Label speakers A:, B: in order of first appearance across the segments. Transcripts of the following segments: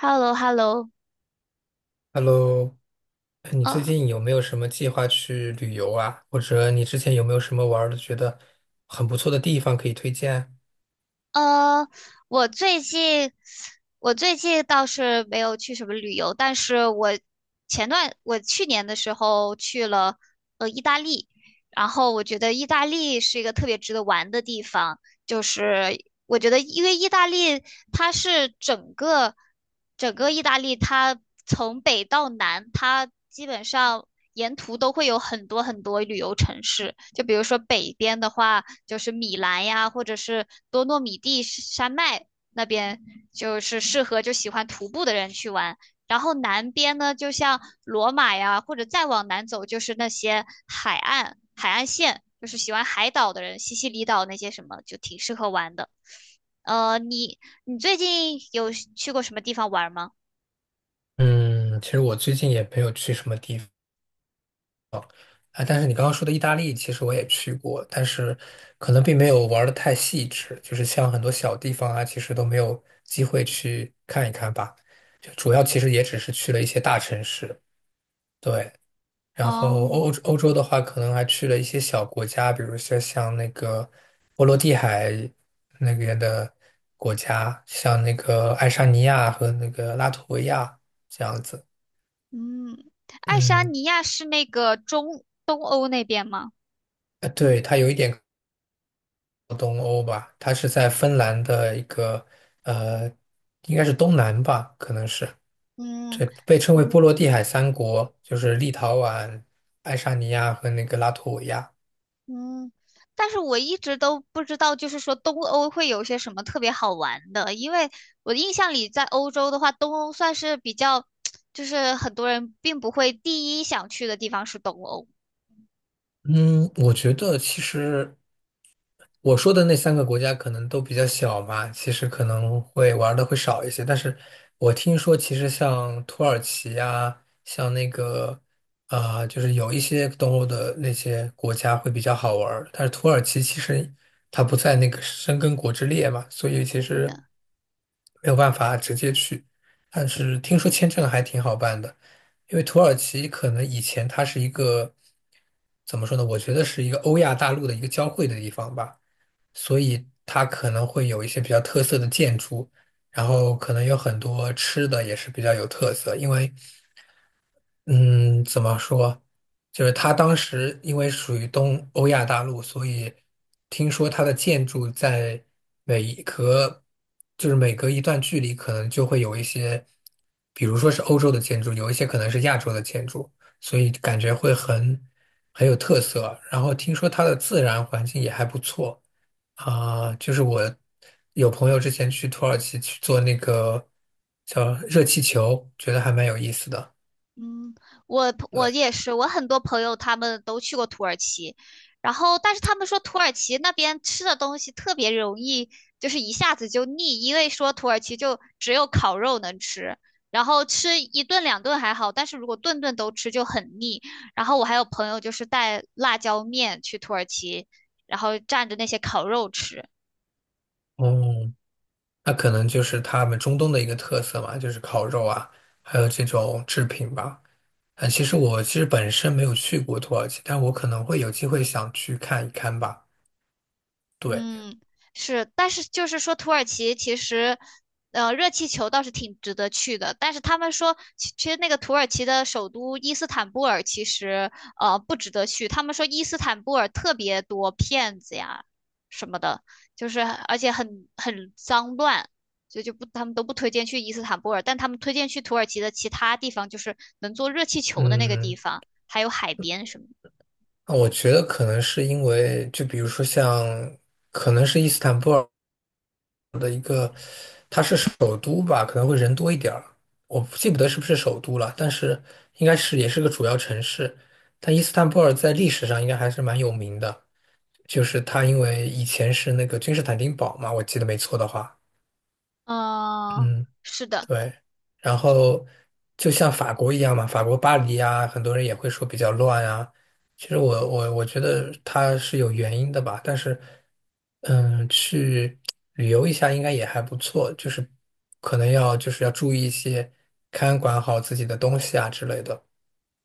A: h e l l o h e l l o
B: Hello，哎你最
A: 呃
B: 近有没有什么计划去旅游啊？或者你之前有没有什么玩儿的觉得很不错的地方可以推荐？
A: 呃，我最近我最近倒是没有去什么旅游，但是我我去年的时候去了意大利。然后我觉得意大利是一个特别值得玩的地方。就是我觉得，因为意大利它是整个整个意大利，它从北到南，它基本上沿途都会有很多很多旅游城市。就比如说北边的话，就是米兰呀，或者是多诺米蒂山脉那边，就是适合就喜欢徒步的人去玩。然后南边呢，就像罗马呀，或者再往南走，就是那些海岸、海岸线，就是喜欢海岛的人，西西里岛那些什么，就挺适合玩的。呃，你你最近有去过什么地方玩吗？
B: 嗯，其实我最近也没有去什么地方啊，但是你刚刚说的意大利，其实我也去过，但是可能并没有玩的太细致，就是像很多小地方啊，其实都没有机会去看一看吧。就主要其实也只是去了一些大城市，对。然后
A: 哦。
B: 欧洲的话，可能还去了一些小国家，比如说像那个波罗的海那边的国家，像那个爱沙尼亚和那个拉脱维亚这样子。
A: 嗯，爱沙
B: 嗯，
A: 尼亚是那个中东欧那边吗？
B: 对，它有一点靠东欧吧，它是在芬兰的一个呃，应该是东南吧，可能是
A: 嗯。
B: 这被称为波罗的海三国，就是立陶宛、爱沙尼亚和那个拉脱维亚。
A: 嗯，但是我一直都不知道，就是说东欧会有些什么特别好玩的，因为我的印象里，在欧洲的话，东欧算是比较，就是很多人并不会第一想去的地方是东欧。
B: 嗯，我觉得其实。我说的那3个国家可能都比较小嘛，其实可能会玩的会少一些。但是我听说，其实像土耳其啊，像那个啊、就是有一些东欧的那些国家会比较好玩儿但是土耳其其实它不在那个申根国之列嘛，所以其
A: 是
B: 实
A: 的。
B: 没有办法直接去。但是听说签证还挺好办的，因为土耳其可能以前它是一个怎么说呢？我觉得是一个欧亚大陆的一个交汇的地方吧。所以它可能会有一些比较特色的建筑，然后可能有很多吃的也是比较有特色。因为，嗯，怎么说，就是它当时因为属于东欧亚大陆，所以听说它的建筑在每一隔，就是每隔一段距离，可能就会有一些，比如说是欧洲的建筑，有一些可能是亚洲的建筑，所以感觉会很有特色。然后听说它的自然环境也还不错。啊，就是我有朋友之前去土耳其去做那个叫热气球，觉得还蛮有意思的。
A: 嗯，我
B: 对，
A: 也是，我很多朋友他们都去过土耳其。然后但是他们说土耳其那边吃的东西特别容易就是一下子就腻，因为说土耳其就只有烤肉能吃，然后吃一顿两顿还好，但是如果顿顿都吃就很腻。然后我还有朋友就是带辣椒面去土耳其，然后蘸着那些烤肉吃。
B: 哦，那可能就是他们中东的一个特色嘛，就是烤肉啊，还有这种制品吧。啊，其实我其实本身没有去过土耳其，但我可能会有机会想去看一看吧。对，
A: 嗯，是。但是就是说，土耳其其实，热气球倒是挺值得去的。但是他们说，其实那个土耳其的首都伊斯坦布尔其实，不值得去。他们说伊斯坦布尔特别多骗子呀什么的，就是而且很脏乱，所以就不他们都不推荐去伊斯坦布尔，但他们推荐去土耳其的其他地方，就是能坐热气球的那个地
B: 嗯，
A: 方，还有海边什么的。
B: 那我觉得可能是因为，就比如说像，可能是伊斯坦布尔。它是首都吧，可能会人多一点儿，我不记不得是不是首都了，但是应该是也是个主要城市。但伊斯坦布尔在历史上应该还是蛮有名的，就是它因为以前是那个君士坦丁堡嘛，我记得没错的话，
A: 嗯，
B: 嗯，
A: 是的。
B: 对，然后就像法国一样嘛，法国巴黎啊，很多人也会说比较乱啊。其实我觉得它是有原因的吧，但是，去旅游一下应该也还不错，就是可能要就是要注意一些，看管好自己的东西啊之类的。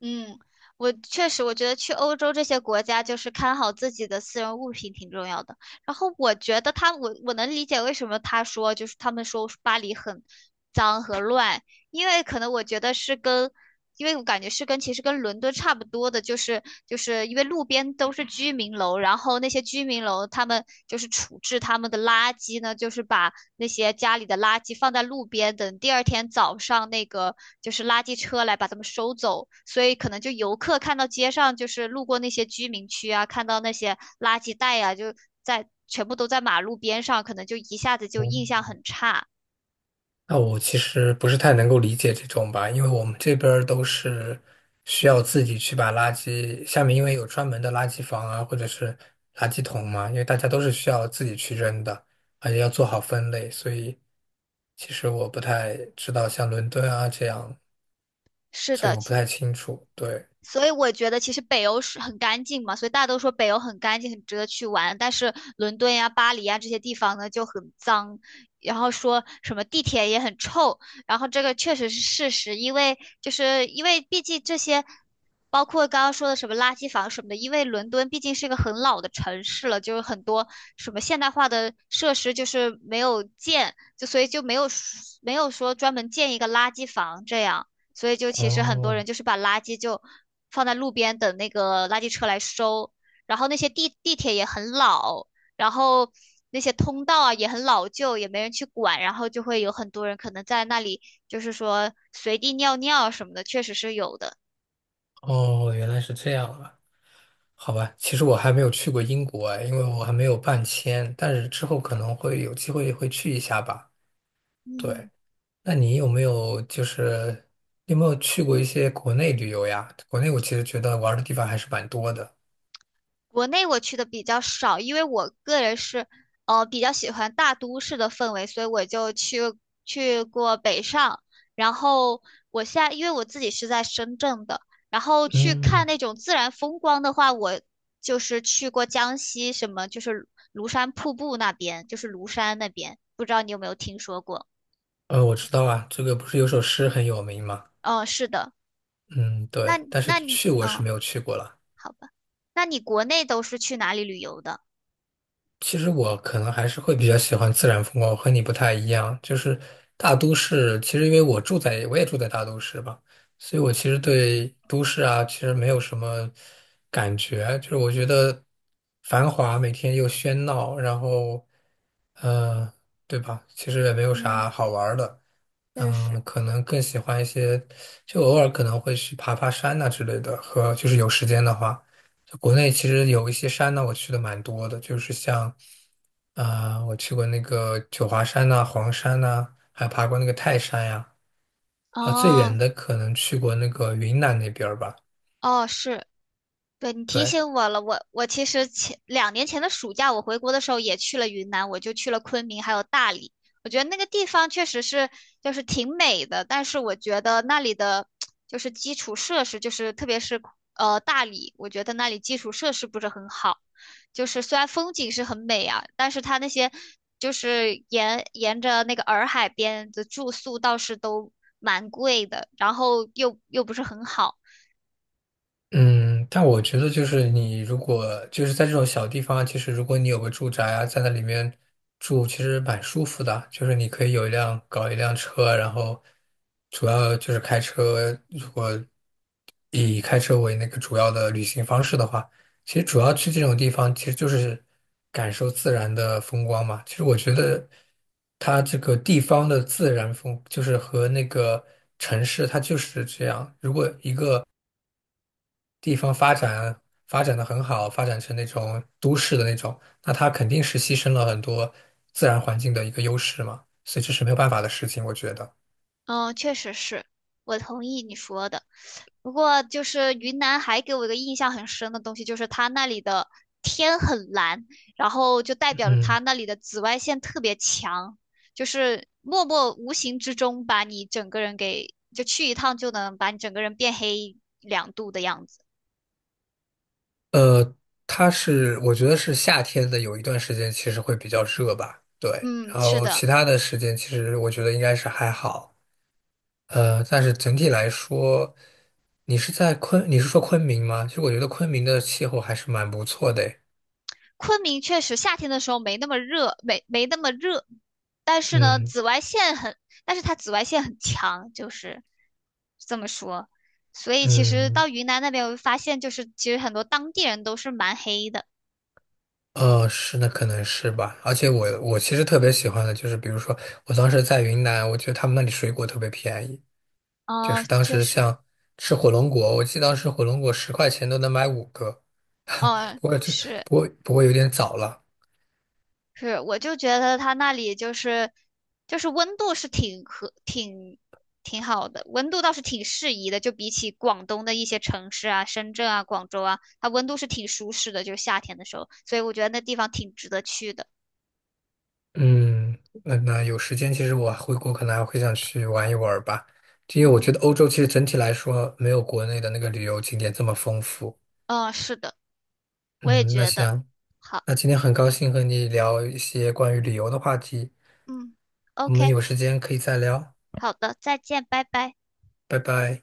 A: 嗯，我确实，我觉得去欧洲这些国家，就是看好自己的私人物品挺重要的。然后我觉得他，我能理解为什么他说，就是他们说巴黎很脏和乱。因为可能我觉得是跟，因为我感觉是跟其实跟伦敦差不多的，就是就是因为路边都是居民楼，然后那些居民楼他们就是处置他们的垃圾呢，就是把那些家里的垃圾放在路边，等第二天早上那个就是垃圾车来把它们收走。所以可能就游客看到街上就是路过那些居民区啊，看到那些垃圾袋啊，就在全部都在马路边上，可能就一下子就印象很差。
B: 那我其实不是太能够理解这种吧，因为我们这边儿都是需要自己去把垃圾，下面因为有专门的垃圾房啊，或者是垃圾桶嘛，因为大家都是需要自己去扔的，而且要做好分类，所以其实我不太知道像伦敦啊这样，
A: 是
B: 所以
A: 的。
B: 我不太清楚。对，
A: 所以我觉得其实北欧是很干净嘛，所以大家都说北欧很干净，很值得去玩。但是伦敦呀、巴黎呀这些地方呢就很脏，然后说什么地铁也很臭。然后这个确实是事实，因为就是因为毕竟这些，包括刚刚说的什么垃圾房什么的，因为伦敦毕竟是一个很老的城市了，就是很多什么现代化的设施就是没有建，就所以就没有说专门建一个垃圾房这样。所以就其实很多
B: 哦
A: 人就是把垃圾就放在路边等那个垃圾车来收。然后那些地铁也很老，然后那些通道啊也很老旧，也没人去管，然后就会有很多人可能在那里就是说随地尿尿什么的，确实是有的。
B: 哦，原来是这样啊，好吧，其实我还没有去过英国哎，因为我还没有办签，但是之后可能会有机会会去一下吧。对。
A: 嗯。
B: 那你有没有去过一些国内旅游呀？国内我其实觉得玩儿的地方还是蛮多的。
A: 国内我去的比较少，因为我个人是比较喜欢大都市的氛围，所以我就去过北上。然后我现在因为我自己是在深圳的，然后去看
B: 嗯，
A: 那种自然风光的话，我就是去过江西什么，就是庐山瀑布那边，就是庐山那边，不知道你有没有听说过？
B: 我知道啊，这个不是有首诗很有名吗？
A: 嗯，是的。
B: 嗯，
A: 那
B: 对，但是
A: 那你
B: 去我是
A: 嗯，
B: 没有去过了。
A: 好吧，那你国内都是去哪里旅游的？
B: 其实我可能还是会比较喜欢自然风光，我和你不太一样。就是大都市，其实因为我也住在大都市吧，所以我其实对都市啊，其实没有什么感觉。就是我觉得繁华，每天又喧闹，然后，嗯对吧？其实也没有
A: 嗯，
B: 啥好玩儿的。
A: 确实。
B: 可能更喜欢一些，就偶尔可能会去爬爬山呐、之类的，和就是有时间的话。国内其实有一些山呢，我去的蛮多的，就是像，啊、我去过那个九华山呐、黄山呐、还爬过那个泰山呀、啊，最远
A: 哦。
B: 的可能去过那个云南那边儿吧，
A: 哦，是。对，你提
B: 对。
A: 醒我了，我其实前两年前的暑假我回国的时候也去了云南，我就去了昆明还有大理。我觉得那个地方确实是就是挺美的。但是我觉得那里的就是基础设施，就是特别是大理，我觉得那里基础设施不是很好，就是虽然风景是很美啊，但是它那些就是沿着那个洱海边的住宿倒是都蛮贵的，然后又不是很好。
B: 嗯，但我觉得就是你如果就是在这种小地方，其实如果你有个住宅啊，在那里面住，其实蛮舒服的。就是你可以有一辆搞一辆车，然后主要就是开车。如果以开车为那个主要的旅行方式的话，其实主要去这种地方，其实就是感受自然的风光嘛。其实我觉得它这个地方的自然风，就是和那个城市它就是这样。如果一个地方发展的很好，发展成那种都市的那种，那它肯定是牺牲了很多自然环境的一个优势嘛，所以这是没有办法的事情，我觉得。
A: 嗯，确实是，我同意你说的。不过就是云南还给我一个印象很深的东西，就是它那里的天很蓝，然后就代表着它
B: 嗯，
A: 那里的紫外线特别强，就是默默无形之中把你整个人给，就去一趟就能把你整个人变黑两度的样子。
B: 呃，它是我觉得是夏天的有一段时间其实会比较热吧，对，
A: 嗯，
B: 然
A: 是
B: 后
A: 的。
B: 其他的时间其实我觉得应该是还好，但是整体来说，你是说昆明吗？其实我觉得昆明的气候还是蛮不错的诶。
A: 昆明确实夏天的时候没那么热，没那么热，但是呢，
B: 嗯
A: 紫外线很，但是它紫外线很强，就是这么说。所以其实
B: 嗯。
A: 到云南那边，我就发现就是其实很多当地人都是蛮黑的。
B: 是的，可能是吧。而且我其实特别喜欢的就是，比如说我当时在云南，我觉得他们那里水果特别便宜，就
A: 哦，
B: 是当
A: 确
B: 时
A: 实。
B: 像吃火龙果，我记得当时火龙果10块钱都能买5个。
A: 嗯，
B: 不过
A: 是。
B: 有点早了。
A: 是，我就觉得它那里就是就是温度是挺和挺挺好的，温度倒是挺适宜的，就比起广东的一些城市啊，深圳啊、广州啊，它温度是挺舒适的，就是夏天的时候，所以我觉得那地方挺值得去的。
B: 嗯，那那有时间，其实我回国可能还会想去玩一玩儿吧，因为我
A: 嗯。
B: 觉得欧洲其实整体来说没有国内的那个旅游景点这么丰富。
A: 嗯，是的，我也
B: 嗯，那
A: 觉得。
B: 行，
A: 好。
B: 那今天很高兴和你聊一些关于旅游的话题。
A: 嗯
B: 我们
A: ，OK。
B: 有时间可以再聊，
A: 好的，再见，拜拜。
B: 拜拜。